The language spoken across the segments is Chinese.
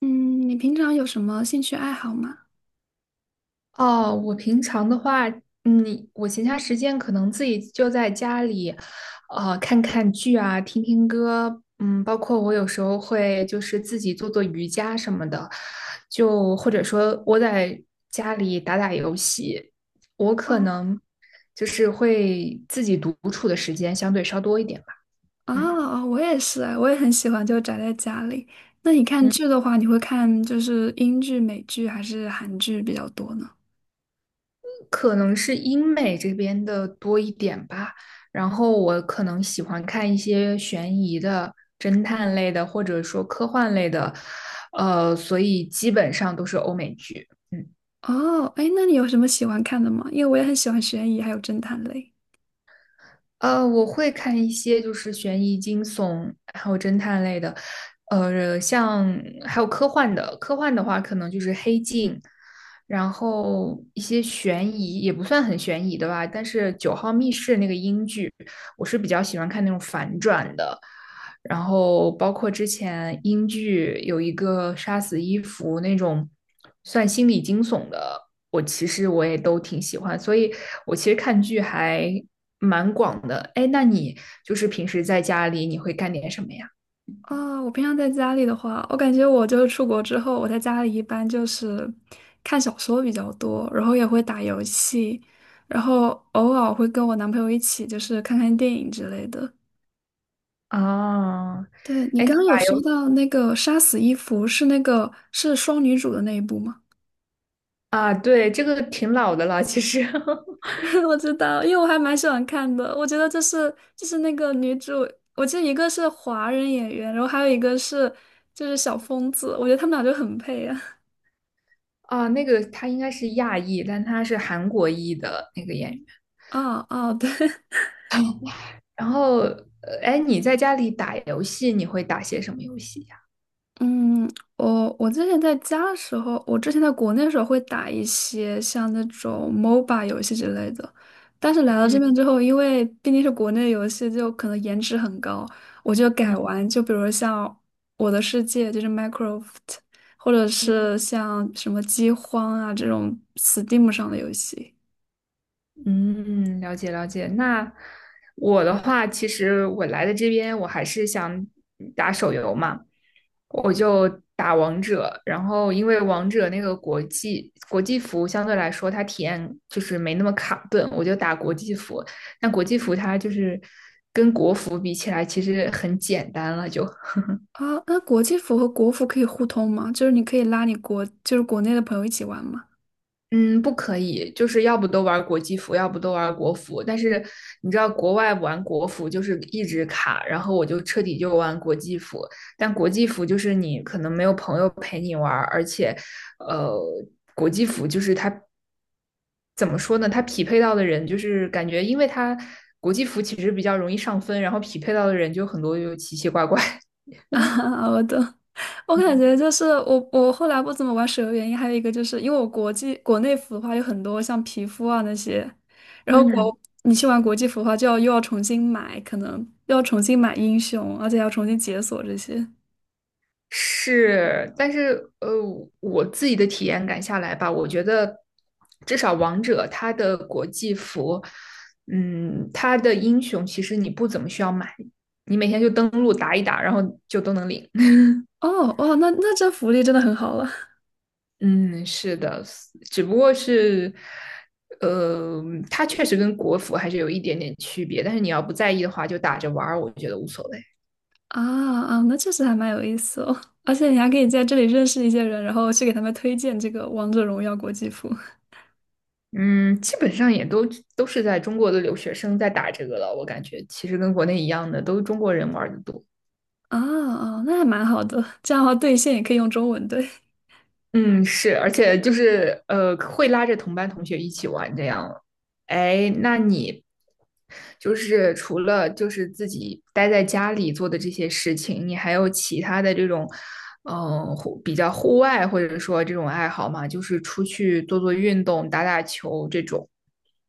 嗯，你平常有什么兴趣爱好吗？哦，我平常的话，我闲暇时间可能自己就在家里，看看剧啊，听听歌，包括我有时候会就是自己做做瑜伽什么的，就或者说窝在家里打打游戏，我可哦能就是会自己独处的时间相对稍多一点吧，嗯哦，我也是，我也很喜欢就宅在家里。那你看嗯。剧的话，你会看就是英剧、美剧还是韩剧比较多呢？可能是英美这边的多一点吧。然后我可能喜欢看一些悬疑的、侦探类的，或者说科幻类的，所以基本上都是欧美剧。嗯。哦，哎，那你有什么喜欢看的吗？因为我也很喜欢悬疑还有侦探类。我会看一些就是悬疑、惊悚，还有侦探类的，像还有科幻的。科幻的话，可能就是《黑镜》，然后一些悬疑也不算很悬疑的吧。但是《九号密室》那个英剧，我是比较喜欢看那种反转的。然后包括之前英剧有一个《杀死伊芙》那种算心理惊悚的，我其实我也都挺喜欢，所以我其实看剧还蛮广的。哎，那你就是平时在家里你会干点什么呀？哦，我平常在家里的话，我感觉我就是出国之后，我在家里一般就是看小说比较多，然后也会打游戏，然后偶尔会跟我男朋友一起就是看看电影之类的。啊，对，你哎，你刚刚有打说游到那个杀死伊芙是那个是双女主的那一部吗？啊？对，这个挺老的了，其实 我知道，因为我还蛮喜欢看的。我觉得这是就是那个女主，我记得一个是华人演员，然后还有一个是就是小疯子，我觉得他们俩就很配啊。啊，那个他应该是亚裔，但他是韩国裔的那个演员。哦哦，对，然后，哎，你在家里打游戏，你会打些什么游戏呀？嗯，我之前在家的时候，我之前在国内的时候会打一些像那种 MOBA 游戏之类的，但是来到嗯这嗯边之后，因为毕竟是国内游戏，就可能颜值很高，我就嗯改玩，就比如像《我的世界》就是 Minecraft，或者是像什么《饥荒》啊这种 Steam 上的游戏嗯，了解了解。那我的话，其实我来的这边，我还是想打手游嘛，我就打王者。然后因为王者那个国际服相对来说，它体验就是没那么卡顿，我就打国际服。但国际服它就是跟国服比起来，其实很简单了就。啊。那国际服和国服可以互通吗？就是你可以拉你国，就是国内的朋友一起玩吗？嗯，不可以，就是要不都玩国际服，要不都玩国服。但是你知道，国外玩国服就是一直卡，然后我就彻底就玩国际服。但国际服就是你可能没有朋友陪你玩儿而且，呃，国际服就是它怎么说呢？它匹配到的人就是感觉，因为它国际服其实比较容易上分，然后匹配到的人就很多就奇奇怪怪。啊，我懂。我 感嗯觉就是我后来不怎么玩手游，原因还有一个就是因为我国际国内服的话有很多像皮肤啊那些，然后嗯，你去玩国际服的话就要又要重新买，可能又要重新买英雄，而且还要重新解锁这些。是，但是我自己的体验感下来吧，我觉得至少王者它的国际服，它的英雄其实你不怎么需要买，你每天就登录打一打，然后就都能领。哦，哇，那这福利真的很好了嗯，是的，只不过是，呃，它确实跟国服还是有一点点区别，但是你要不在意的话，就打着玩儿，我觉得无所谓。啊啊，那确实还蛮有意思哦。而且你还可以在这里认识一些人，然后去给他们推荐这个《王者荣耀》国际服嗯，基本上也都是在中国的留学生在打这个了，我感觉其实跟国内一样的，都是中国人玩的多。啊啊，那还蛮好的。这样的话，对线也可以用中文对。嗯，是，而且就是会拉着同班同学一起玩这样。哎，那你就是除了就是自己待在家里做的这些事情，你还有其他的这种比较户外或者说这种爱好吗？就是出去做做运动、打打球这种。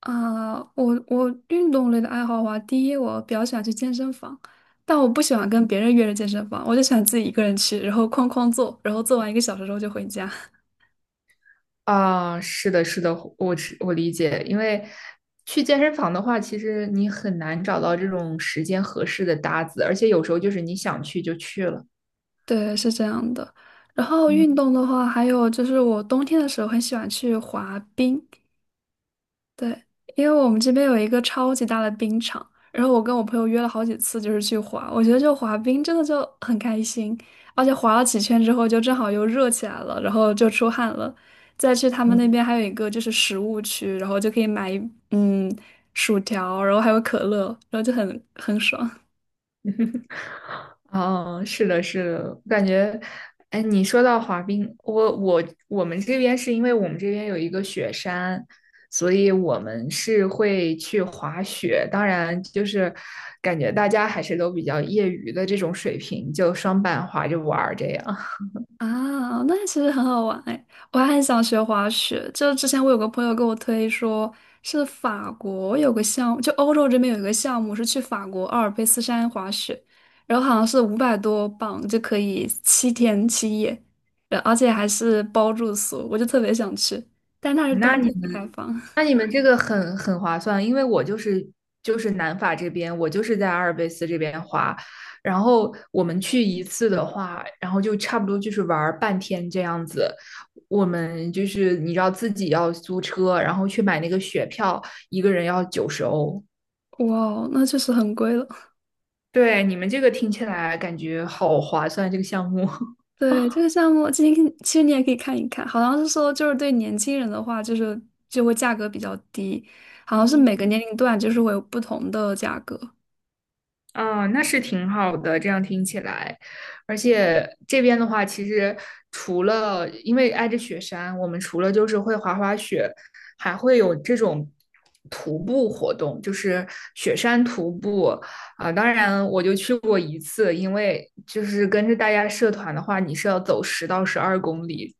啊，我运动类的爱好的话，第一我比较喜欢去健身房，但我不喜欢跟别人约着健身房，我就喜欢自己一个人去，然后哐哐做，然后做完一个小时之后就回家。啊，是的，是的，我理解，因为去健身房的话，其实你很难找到这种时间合适的搭子，而且有时候就是你想去就去了。对，是这样的。然后嗯运动的话，还有就是我冬天的时候很喜欢去滑冰，对，因为我们这边有一个超级大的冰场，然后我跟我朋友约了好几次，就是去滑。我觉得就滑冰真的就很开心，而且滑了几圈之后，就正好又热起来了，然后就出汗了。再去他们嗯，那边还有一个就是食物区，然后就可以买嗯薯条，然后还有可乐，然后就很爽。哦，是的，是的，我感觉，哎，你说到滑冰，我们这边是因为我们这边有一个雪山，所以我们是会去滑雪。当然，就是感觉大家还是都比较业余的这种水平，就双板滑着玩儿这样。啊，那其实很好玩哎，我还很想学滑雪。就是之前我有个朋友给我推说，是法国有个项目，就欧洲这边有一个项目是去法国阿尔卑斯山滑雪，然后好像是500多磅就可以七天七夜，而且还是包住宿，我就特别想去，但那 是那冬你季才们？开放。那 你们这个很划算，因为我就是南法这边，我就是在阿尔卑斯这边滑，然后我们去一次的话，然后就差不多就是玩儿半天这样子。我们就是你知道自己要租车，然后去买那个雪票，一个人要90欧。哇哦，那确实很贵了。对，你们这个听起来感觉好划算，这个项目。对，这个项目，其实你也可以看一看，好像是说就是对年轻人的话，就是就会价格比较低，好像是每个 年龄段就是会有不同的价格。啊，那是挺好的，这样听起来，而且这边的话，其实除了因为挨着雪山，我们除了就是会滑滑雪，还会有这种徒步活动，就是雪山徒步啊。当然，我就去过一次，因为就是跟着大家社团的话，你是要走10到12公里，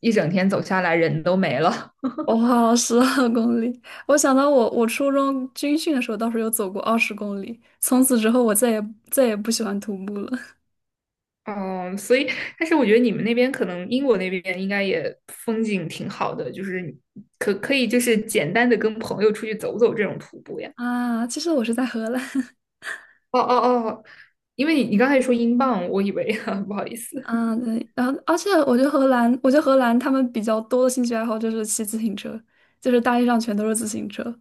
一整天走下来人都没了。我跑了12公里，我想到我初中军训的时候倒是有走过20公里，从此之后我再也不喜欢徒步了。哦，所以，但是我觉得你们那边可能英国那边应该也风景挺好的，就是你可以就是简单的跟朋友出去走走这种徒步呀。啊，其实我是在荷兰。哦哦哦，因为你刚才说英镑，我以为 不好意思。啊，对，然后而且我觉得荷兰，我觉得荷兰他们比较多的兴趣爱好就是骑自行车，就是大街上全都是自行车。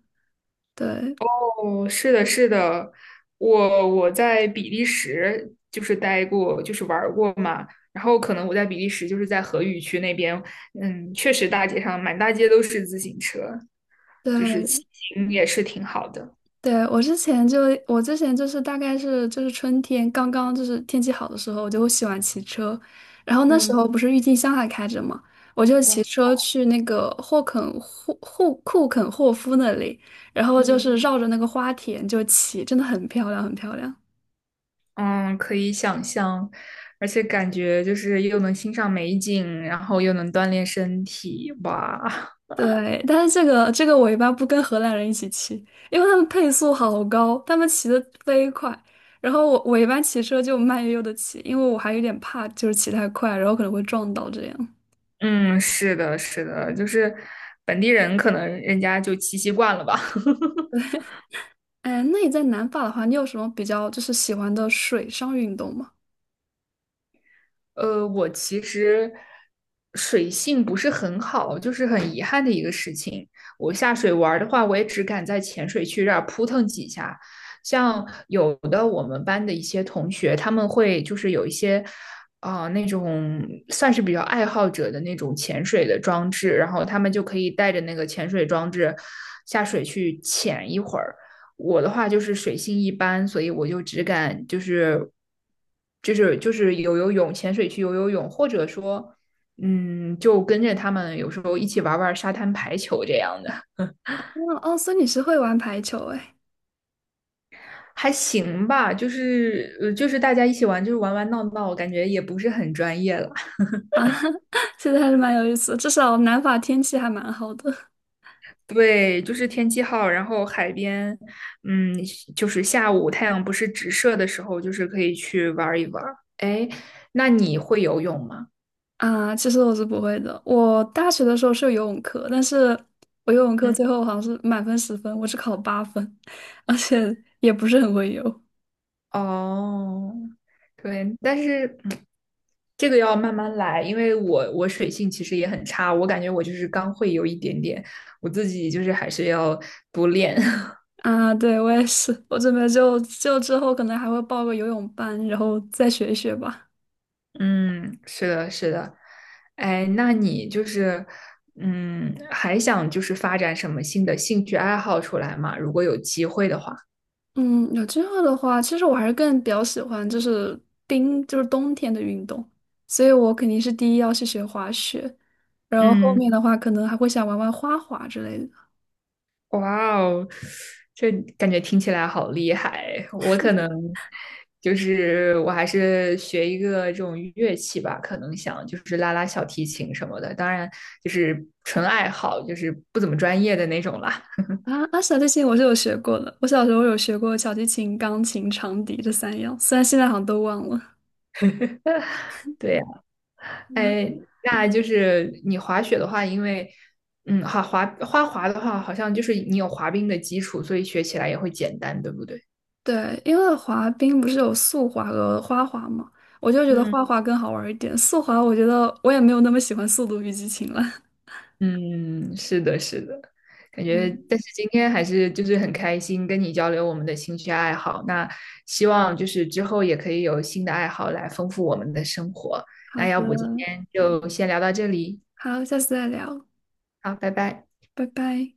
对哦，是的，是的，我在比利时就是待过，就是玩儿过嘛。然后可能我在比利时就是在荷语区那边，确实大街上满大街都是自行车，就是骑对，行也是挺好的。对，我之前就是大概是就是春天刚刚就是天气好的时候，我就会喜欢骑车，然后那时嗯候不是郁金香还开着嘛，我就骑哇车去那个霍库肯霍夫那里，然后就嗯。是绕着那个花田就骑，真的很漂亮，很漂亮。嗯，可以想象，而且感觉就是又能欣赏美景，然后又能锻炼身体，哇，对，但是这个我一般不跟荷兰人一起骑，因为他们配速好高，他们骑得飞快，然后我一般骑车就慢悠悠的骑，因为我还有点怕，就是骑太快，然后可能会撞到这样。嗯，是的，是的，就是本地人可能人家就骑习惯了吧。哎，那你在南法的话，你有什么比较就是喜欢的水上运动吗？我其实水性不是很好，就是很遗憾的一个事情。我下水玩儿的话，我也只敢在浅水区这儿扑腾几下。像有的我们班的一些同学，他们会就是有一些，那种算是比较爱好者的那种潜水的装置，然后他们就可以带着那个潜水装置下水去潜一会儿。我的话就是水性一般，所以我就只敢就是游游泳、潜水去游游泳，或者说，就跟着他们有时候一起玩玩沙滩排球这样的，哦哦，所以你是会玩排球哎还行吧。就是大家一起玩，就是玩玩闹闹，感觉也不是很专业了。啊，其实还是蛮有意思的，至少南法天气还蛮好的 对，就是天气好，然后海边，嗯，就是下午太阳不是直射的时候，就是可以去玩一玩。哎，那你会游泳吗？啊。其实我是不会的，我大学的时候是有游泳课，但是我游泳课嗯最后好像是满分10分，我只考了8分，而且也不是很会游哦，对，但是这个要慢慢来，因为我水性其实也很差，我感觉我就是刚会有一点点，我自己就是还是要多练。啊。对，我也是，我准备就之后可能还会报个游泳班，然后再学一学吧。嗯，是的，是的。哎，那你就是还想就是发展什么新的兴趣爱好出来吗？如果有机会的话。嗯，有机会的话，其实我还是更比较喜欢就是冰，就是冬天的运动，所以我肯定是第一要去学滑雪，然后后嗯。面的话可能还会想玩玩花滑之类的。哇哦，这感觉听起来好厉害！我可能就是我还是学一个这种乐器吧，可能想就是拉拉小提琴什么的，当然就是纯爱好，就是不怎么专业的那种啦。啊啊，小提琴我是有学过的，我小时候有学过小提琴、钢琴、长笛这三样，虽然现在好像都忘了。对呀，嗯，哎，那就是你滑雪的话，因为好滑花滑的话，好像就是你有滑冰的基础，所以学起来也会简单，对不对？对，因为滑冰不是有速滑和花滑嘛，我就觉得嗯。花滑更好玩一点，速滑我觉得我也没有那么喜欢《速度与激情》了。嗯，是的，是的，感 觉，嗯，但是今天还是就是很开心跟你交流我们的兴趣爱好。那希望就是之后也可以有新的爱好来丰富我们的生活。好那要不今的，天就先聊到这里，好，下次再聊。好，拜拜。拜拜。